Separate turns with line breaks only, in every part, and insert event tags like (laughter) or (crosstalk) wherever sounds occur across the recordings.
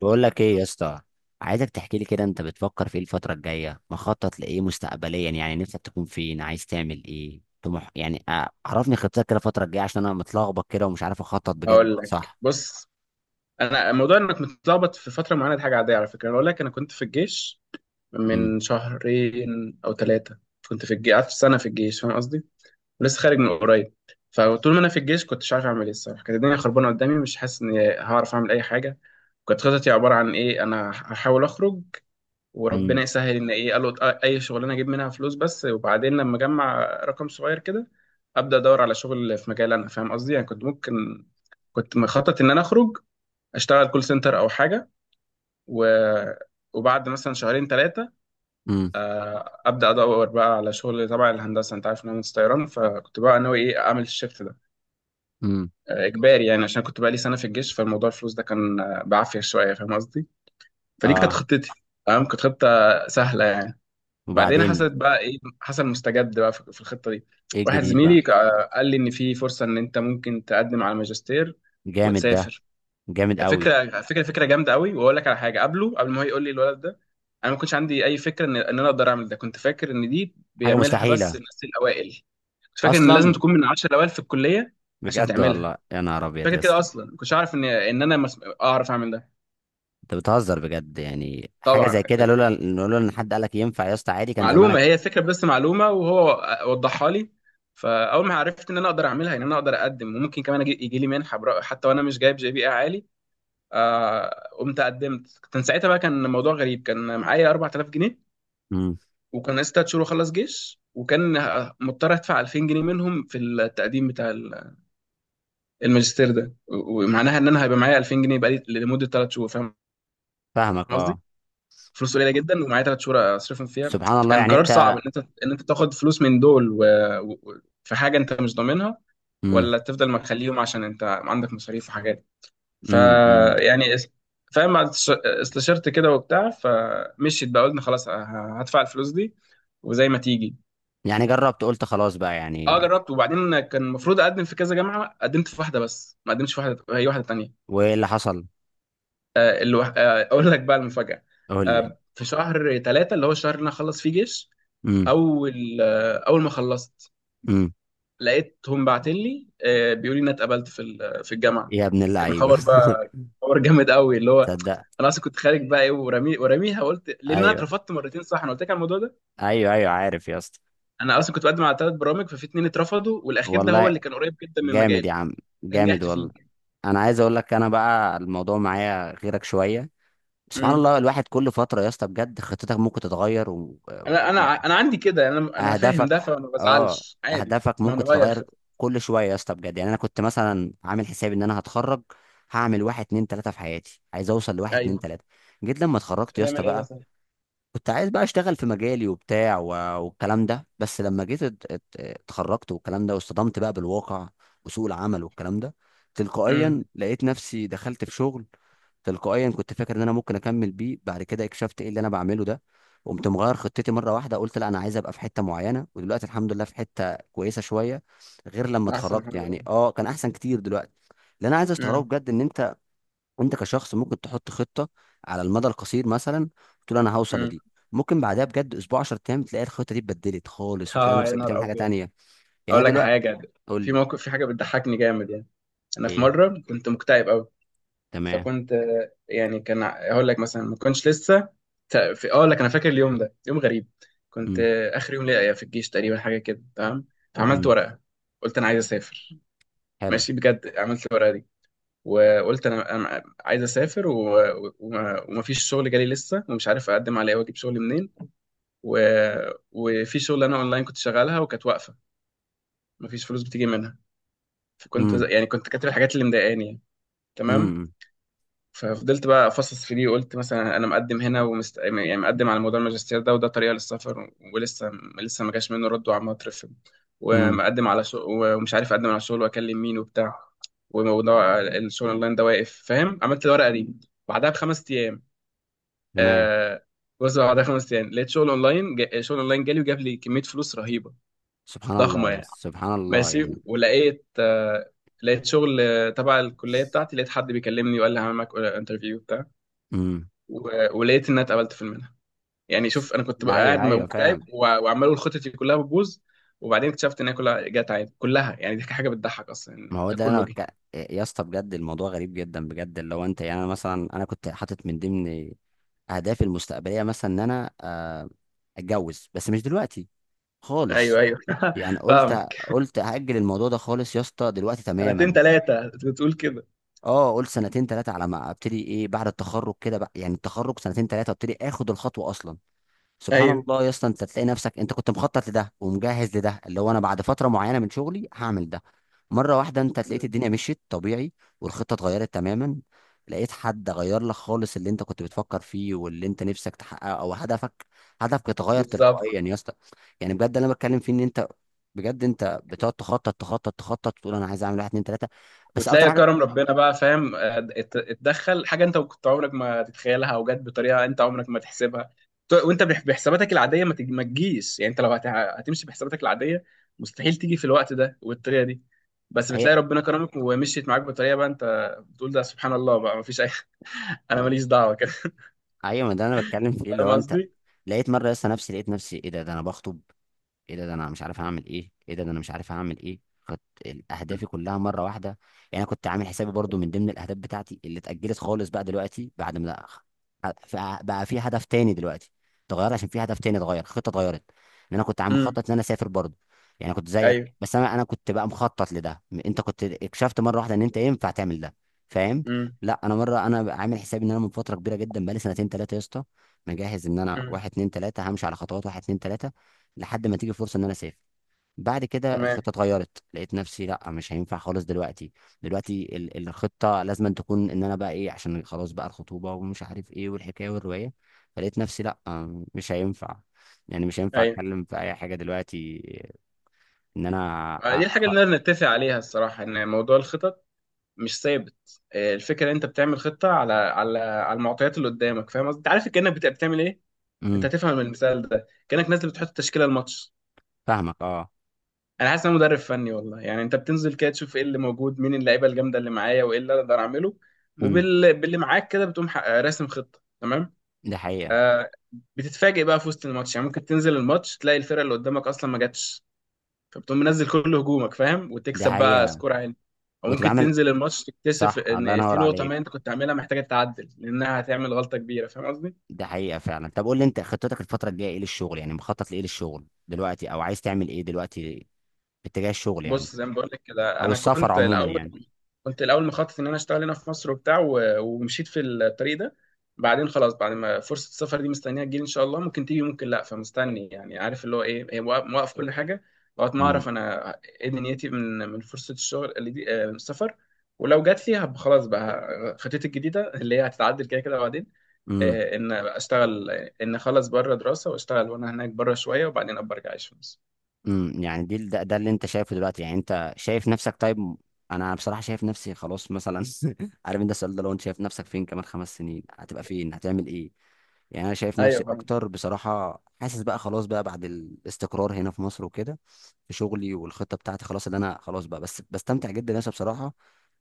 بقول لك ايه يا اسطى؟ عايزك تحكي لي كده، انت بتفكر في ايه الفتره الجايه؟ مخطط لايه مستقبليا؟ يعني نفسك تكون فين؟ عايز تعمل ايه؟ طموح يعني. عرفني خطتك كده الفتره الجايه، عشان انا متلخبط كده ومش عارف اخطط بجد،
هقول لك،
صح؟
بص. انا موضوع انك متلخبط في فتره معينه دي حاجه عاديه على فكره. انا اقول لك انا كنت في الجيش
امم.
من شهرين او ثلاثه. كنت في الجيش قعدت سنه في الجيش، فاهم قصدي؟ ولسه خارج من قريب. فطول ما انا في الجيش كنت مش عارف اعمل ايه الصراحه، كانت الدنيا خربانه قدامي مش حاسس اني هعرف اعمل اي حاجه. كانت خطتي عباره عن ايه؟ انا هحاول اخرج وربنا
امم.
يسهل، ان ايه، قالوا اي شغلانه اجيب منها فلوس بس، وبعدين لما اجمع رقم صغير كده ابدا ادور على شغل في مجال، انا فاهم قصدي؟ يعني كنت مخطط ان انا اخرج اشتغل كول سنتر او حاجه، و... وبعد مثلا شهرين ثلاثه
امم.
ابدا ادور بقى على شغل تبع الهندسه. انت عارف ان انا مهندس طيران، فكنت بقى ناوي ايه؟ اعمل الشيفت ده،
امم.
اجباري يعني، عشان كنت بقى لي سنه في الجيش، فالموضوع الفلوس ده كان بعافيه شويه، فاهم قصدي؟ فدي كانت
اه.
خطتي. تمام، كانت خطه سهله يعني. بعدين
وبعدين؟
حصلت بقى ايه؟ حصل مستجد بقى في الخطه دي.
ايه
واحد
الجديد بقى؟
زميلي قال لي ان في فرصه ان انت ممكن تقدم على ماجستير
جامد ده.
وتسافر.
جامد قوي.
فكره فكره فكره جامده قوي. واقول لك على حاجه قبله، قبل ما هو يقول لي الولد ده انا ما كنتش عندي اي فكره ان انا اقدر اعمل ده، كنت فاكر ان دي
حاجه
بيعملها
مستحيله.
بس الناس الاوائل، كنت فاكر ان لازم
اصلا.
تكون من 10 الاوائل في الكليه عشان
بجد
تعملها.
والله يا نهار ابيض
فاكر
يا
كده،
اسطى.
اصلا ما كنتش اعرف ان انا اعرف اعمل ده.
انت بتهزر بجد، يعني حاجه
طبعا
زي كده لولا
كنت-
لولا ان حد قالك ينفع يا اسطى، عادي كان
معلومه،
زمانك.
هي فكره بس معلومه، وهو وضحها لي. فاول ما عرفت ان انا اقدر اعملها، ان انا اقدر اقدم وممكن كمان يجي لي منحه حتى وانا مش جايب جي بي اي عالي. قمت قدمت. كان ساعتها بقى كان الموضوع غريب، كان معايا 4000 جنيه،
امم.
وكان لسه 3 شهور وخلص جيش، وكان مضطر ادفع 2000 جنيه منهم في التقديم بتاع الماجستير ده، ومعناها ان انا هيبقى معايا 2000 جنيه بقالي لمده 3 شهور، فاهم
فاهمك،
قصدي؟
اه.
فلوس قليله جدا ومعايا 3 شهور اصرفهم فيها،
سبحان الله،
فكان
يعني
قرار صعب
انت.
ان انت تاخد فلوس من دول في حاجه انت مش ضامنها،
امم.
ولا تفضل مخليهم عشان انت عندك مصاريف وحاجات.
امم. امم.
فيعني فاهم؟ بعد استشرت كده وبتاع، فمشيت بقى، قلنا خلاص هدفع الفلوس دي وزي ما تيجي.
يعني جربت، قلت خلاص بقى
اه
يعني.
جربت. وبعدين كان المفروض اقدم في كذا جامعه، قدمت في واحده بس ما قدمتش في واحده، هي واحده تانية.
وايه اللي حصل؟
آه الو... آه اقول لك بقى المفاجاه.
قول لي.
آه، في شهر ثلاثة اللي هو الشهر اللي انا اخلص فيه جيش،
امم.
اول ما خلصت
امم.
لقيتهم باعتين لي، بيقولوا لي ان أنا اتقبلت في في الجامعه.
يا ابن
كان
اللعيبه
خبر بقى،
(laughs)
خبر جامد قوي، اللي هو
تصدق؟
انا اصلا كنت خارج بقى، ايه ورمي ورميها، قلت لان انا
ايوه.
اترفضت مرتين. صح، انا قلت لك على الموضوع ده.
ايوه، ايوه، عارف يا اسطى.
انا اصلا كنت بقدم على 3 برامج، ففي اتنين اترفضوا والاخير ده هو اللي
والله.
كان قريب جدا من
جامد يا
مجالي،
عم.
ده
جامد
نجحت فيه.
والله. انا عايز اقول لك، انا بقى الموضوع معايا غيرك شويه. سبحان
مم.
الله، الواحد كل فتره يا اسطى بجد خطتك ممكن تتغير و...
انا عندي كده، انا فاهم ده
اهدافك.
فما
اه.
بزعلش عادي.
اهدافك
ما
ممكن
هنغير
تتغير
خطة.
كل شويه يا اسطى، بجد يعني. انا كنت مثلا عامل حسابي ان انا هتخرج، هعمل واحد اتنين تلاته في حياتي، عايز اوصل لواحد اتنين
ايوه.
تلاته. جيت لما اتخرجت يا اسطى
هتعمل ايه
بقى
مثلا؟
كنت عايز بقى اشتغل في مجالي وبتاع والكلام ده، بس لما جيت اتخرجت والكلام ده، واصطدمت بقى بالواقع وسوق العمل والكلام ده.
امم.
تلقائيا لقيت نفسي دخلت في شغل، تلقائيا كنت فاكر ان انا ممكن اكمل بيه، بعد كده اكتشفت ايه اللي انا بعمله ده. قمت مغير خطتي مره واحده، قلت لا، انا عايز ابقى في حته معينه، ودلوقتي الحمد لله في حته كويسه شويه، غير لما
احسن
اتخرجت
الحمد
يعني،
لله.
اه كان احسن كتير دلوقتي. اللي انا عايز استغربه
امم،
بجد، ان انت، انت كشخص ممكن تحط خطه على المدى القصير مثلا، تقول انا هوصل
امم.
لدي، ممكن بعدها بجد اسبوع، 10 ايام، تلاقي الخطه دي اتبدلت خالص، وتلاقي
اه يا
نفسك
نهار
بتعمل حاجه
ابيض.
تانية. يعني
اقول
أنا
لك
دلوقتي.
حاجه،
قول
في
لي.
موقف في حاجه بتضحكني جامد يعني. انا في
ايه.
مره كنت مكتئب قوي،
تمام.
فكنت، يعني كان اقول لك مثلا، ما كنتش لسه، ت- في اقول لك انا فاكر اليوم ده يوم غريب. كنت
امم.
اخر يوم ليا في الجيش تقريبا، حاجه كده. تمام. اه، فعملت
امم.
ورقه، قلت انا عايز اسافر.
حلو.
ماشي، بجد عملت الورقه دي، وقلت انا عايز اسافر، ومفيش شغل جالي لسه ومش عارف اقدم على ايه واجيب شغل منين. و... وفي شغل انا اونلاين كنت شغالها وكانت واقفه، مفيش فلوس بتيجي منها. فكنت
امم.
يعني كنت كاتب الحاجات اللي مضايقاني يعني. تمام.
امم.
ففضلت بقى افصص في دي، وقلت مثلا انا مقدم هنا يعني مقدم على موضوع الماجستير ده، وده طريقه للسفر، ولسه لسه ما جاش منه رد وعمال اترفض،
امم.
ومقدم على شغل، ومش عارف اقدم على شغل واكلم مين وبتاع، وموضوع الشغل اونلاين ده واقف، فاهم؟ عملت الورقه دي بعدها ب5 ايام.
تمام.
آه... بص، بعدها ب5 ايام لقيت شغل اونلاين، شغل اونلاين جالي وجاب لي كميه فلوس رهيبه،
سبحان الله
ضخمه
يا
يعني.
اسطى، سبحان الله
ماشي،
يعني.
ولقيت لقيت شغل تبع الكليه بتاعتي، لقيت حد بيكلمني وقال لي هعمل معاك انترفيو،
امم.
ولقيت ان انا اتقبلت في المنحه. يعني شوف، انا كنت بقى
ايوه،
قاعد
ايوه،
مكتئب
فاهم.
وعمال اقول خطتي كلها بتبوظ، وبعدين اكتشفت ان هي كلها جت عادي، كلها يعني، دي حاجه بتضحك اصلا
ما
يعني،
هو
ده
ده
كله
انا
جه.
يا اسطى بجد الموضوع غريب جدا، بجد اللي هو انت، يعني انا مثلا، انا كنت حاطط من ضمن اهدافي المستقبليه مثلا ان انا اتجوز، بس مش دلوقتي
ايوه
خالص،
ايوه (laughs)
يعني قلت،
فاهمك.
قلت هاجل الموضوع ده خالص يا اسطى دلوقتي
سنتين
تماما.
ثلاثه بتقول كده.
اه، قلت سنتين ثلاثه على ما ابتدي ايه بعد التخرج كده بقى، يعني التخرج سنتين ثلاثه ابتدي اخد الخطوه اصلا. سبحان
ايوه.
الله يا اسطى، انت تلاقي نفسك انت كنت مخطط لده ومجهز لده، اللي هو انا بعد فتره معينه من شغلي هعمل ده، مره واحده انت تلاقيت
مم.
الدنيا مشيت طبيعي، والخطه اتغيرت تماما، لقيت حد غير لك خالص اللي انت كنت بتفكر فيه واللي انت نفسك تحققه او هدفك، هدفك اتغير
بالظبط.
تلقائيا يا اسطى. يعني بجد اللي انا بتكلم فيه ان انت، بجد انت بتقعد تخطط تخطط تخطط، تقول انا عايز اعمل واحد اتنين تلاته، بس اكتر
وتلاقي
حاجه
كرم ربنا بقى، فاهم؟ اتدخل حاجه انت كنت عمرك ما تتخيلها، او جت بطريقه انت عمرك ما تحسبها، وانت بحساباتك العاديه ما تجيش، يعني انت لو هتمشي بحساباتك العاديه مستحيل تيجي في الوقت ده والطريقه دي، بس
هي.
بتلاقي ربنا كرمك ومشيت معاك بطريقه بقى انت بتقول ده سبحان الله بقى، ما فيش اي. (laughs) انا ماليش دعوه كده.
ايوه، ما ده انا بتكلم فيه
(laughs)
اللي
فاهم
هو انت.
قصدي؟
لقيت مره لسه نفسي، لقيت نفسي ايه ده انا بخطب، ايه ده انا مش عارف هعمل ايه، ايه ده انا مش عارف هعمل ايه. كانت اهدافي كلها مره واحده. يعني انا كنت عامل حسابي برضو من ضمن الاهداف بتاعتي اللي اتاجلت خالص بقى دلوقتي، بعد ما بقى في هدف تاني دلوقتي، اتغير عشان في هدف تاني، اتغير، خطه اتغيرت. ان انا كنت عم
امم.
مخطط ان انا اسافر برضو، يعني كنت زيك،
ايوه.
بس انا كنت بقى مخطط لده، انت كنت اكتشفت مره واحده ان انت ينفع تعمل ده، فاهم؟
امم،
لا، انا مره، انا عامل حسابي ان انا من فتره كبيره جدا بقالي سنتين ثلاثه يا اسطى، مجهز ان انا
امم.
واحد اتنين تلاته، همشي على خطوات واحد اتنين تلاته، لحد ما تيجي فرصه ان انا اسافر. بعد كده
تمام.
الخطه اتغيرت، لقيت نفسي لا، مش هينفع خالص دلوقتي، دلوقتي الخطه لازم أن تكون ان انا بقى ايه، عشان خلاص بقى الخطوبه، ومش عارف ايه والحكايه والروايه، فلقيت نفسي لا مش هينفع، يعني مش هينفع
ايوه.
اتكلم في اي حاجه دلوقتي، ان انا
دي الحاجه اللي نقدر نتفق عليها الصراحه، ان موضوع الخطط مش ثابت. الفكره إن انت بتعمل خطه على المعطيات اللي قدامك، فاهم قصدي؟ انت عارف كانك بتعمل ايه. انت
امم.
هتفهم من المثال ده، كانك نازل بتحط تشكيله الماتش،
فاهمك، اه.
انا حاسس ان انا مدرب فني، والله يعني انت بتنزل كده تشوف ايه اللي موجود، مين اللعيبه الجامده اللي معايا، وايه اللي أنا اقدر اعمله،
امم.
باللي معاك كده بتقوم راسم خطه. تمام.
دي حقيقه.
آه، بتتفاجئ بقى في وسط الماتش، يعني ممكن تنزل الماتش تلاقي الفرقه اللي قدامك اصلا ما جاتش، فبتقوم منزل كل هجومك، فاهم؟
دي
وتكسب بقى
حقيقه.
سكور عالي. او
وتبقى
ممكن
عامل.
تنزل الماتش تكتشف
صح، الله
ان في
ينور
نقطه ما
عليك،
انت كنت عاملها محتاجه تعدل، لانها هتعمل غلطه كبيره، فاهم قصدي؟
ده حقيقة فعلا. طب قول لي، انت خطتك الفترة الجاية ايه للشغل؟ يعني مخطط لايه للشغل دلوقتي، او عايز تعمل ايه دلوقتي باتجاه الشغل يعني،
بص، زي ما بقول لك كده،
او
انا
السفر عموما يعني؟
كنت الاول مخطط ان انا اشتغل هنا في مصر وبتاع، ومشيت في الطريق ده. بعدين خلاص، بعد ما فرصه السفر دي مستنيه تجيلي ان شاء الله، ممكن تيجي ممكن لا، فمستني يعني، عارف اللي هو ايه، هي موقف موقف كل حاجه لغايه ما
امم.
اعرف انا ايه دنيتي من فرصه الشغل اللي دي، السفر. ولو جات لي خلاص بقى، خطتي الجديده اللي هي هتتعدل كده كده بعدين،
امم.
ان اشتغل، ان اخلص بره دراسه واشتغل وانا هناك بره شويه، وبعدين ابقى ارجع اعيش في مصر.
امم. يعني ده اللي انت شايفه دلوقتي، يعني انت شايف نفسك طيب؟ انا بصراحه شايف نفسي خلاص مثلا (laughs) عارف انت السؤال ده، لو انت شايف نفسك فين كمان 5 سنين، هتبقى فين؟ هتعمل ايه؟ يعني انا شايف
ايوه
نفسي
فاهم.
اكتر بصراحه، حاسس بقى خلاص بقى بعد الاستقرار هنا في مصر وكده في شغلي، والخطه بتاعتي خلاص، اللي انا خلاص بقى، بس بستمتع جدا يا اسطى بصراحه،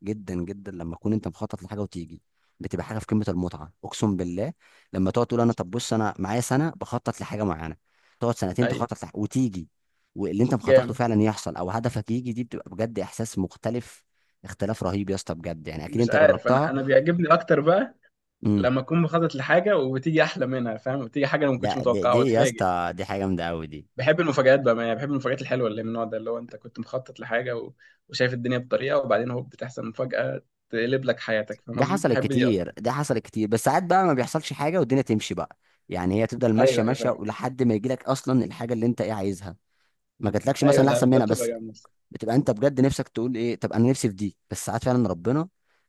جدا جدا، لما اكون انت مخطط لحاجه وتيجي، بتبقى حاجه في قمه المتعه، اقسم بالله. لما تقعد تقول انا، طب بص انا معايا سنه بخطط لحاجه معينه، تقعد سنتين
ايوه
تخطط وتيجي، واللي انت مخطط له
جامد.
فعلا يحصل، او هدفك يجي، دي بتبقى بجد احساس مختلف، اختلاف رهيب يا اسطى، بجد يعني اكيد
مش
انت
عارف، انا
جربتها.
انا بيعجبني اكتر بقى
امم.
لما اكون مخطط لحاجه وبتيجي احلى منها، فاهم؟ بتيجي حاجه انا ما كنتش
لا، دي,
متوقعها
دي يا
واتفاجئ.
اسطى، دي حاجه جامده قوي دي.
بحب المفاجآت بقى، ما يعني بحب المفاجآت الحلوه اللي من النوع ده، اللي هو انت كنت مخطط لحاجه وشايف الدنيا بطريقه، وبعدين هو بتحصل مفاجاه تقلب لك حياتك، فاهم
دي
قصدي؟
حصلت
بحب دي اكتر.
كتير، دي حصلت كتير، بس ساعات بقى ما بيحصلش حاجه والدنيا تمشي بقى، يعني هي تفضل ماشيه
ايوه ايوه
ماشيه
فاهم.
ولحد ما يجيلك اصلا الحاجه اللي انت ايه عايزها، ما جاتلكش
ايوه،
مثلا
ده
احسن
ده
منها،
بتبقى
بس
جامد الصراحة.
بتبقى انت بجد نفسك تقول ايه، طب انا نفسي في دي، بس ساعات فعلا ربنا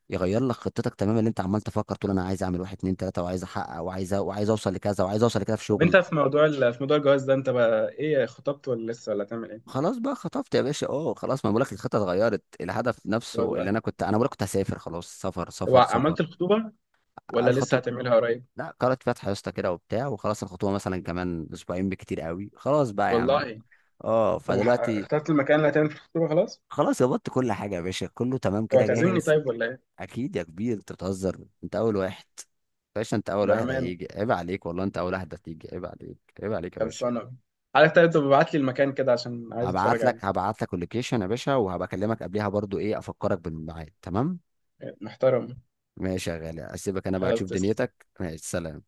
يغير لك خطتك تماما، اللي انت عمال تفكر تقول انا عايز اعمل واحد اتنين تلاته، وعايز احقق وعايز اوصل لكذا، وعايز اوصل لكذا في
طب انت
شغلي.
في موضوع الجواز ده انت بقى ايه، خطبت ولا لسه ولا هتعمل ايه؟
خلاص بقى خطفت يا باشا، اه خلاص، ما بقولك الخطه اتغيرت، الهدف نفسه اللي
والله.
انا كنت انا بقولك كنت هسافر خلاص، سفر
طب
سفر سفر.
عملت الخطوبه ولا لسه
الخطوه.
هتعملها قريب؟
لا، قرأت فاتحة يا اسطى كده وبتاع، وخلاص الخطوبة مثلا كمان أسبوعين بكتير قوي، خلاص بقى يا عم.
والله.
اه،
طب
فدلوقتي
اخترت المكان اللي هتعمل في الخطوبه خلاص؟
خلاص ظبطت كل حاجة يا باشا، كله تمام
طب
كده،
هتعزمني
جاهز.
طيب ولا ايه؟
أكيد يا كبير، أنت بتهزر، أنت أول واحد يا باشا، أنت أول واحد
بأمانة.
هيجي، عيب عليك والله، أنت أول واحد هتيجي، عيب عليك، عيب عليك يا باشا.
خلصانة. حضرتك طيب تبقى ابعت لي المكان كده عشان عايز اتفرج
هبعت
عليه.
لك هبعت لك اللوكيشن يا باشا، وهبقى أكلمك قبليها برضو، إيه، أفكرك بالميعاد، تمام.
إيه، محترم.
ماشي يا غالي، أسيبك أنا بقى
خلاص،
تشوف
تسلم.
دنيتك، ماشي، سلام.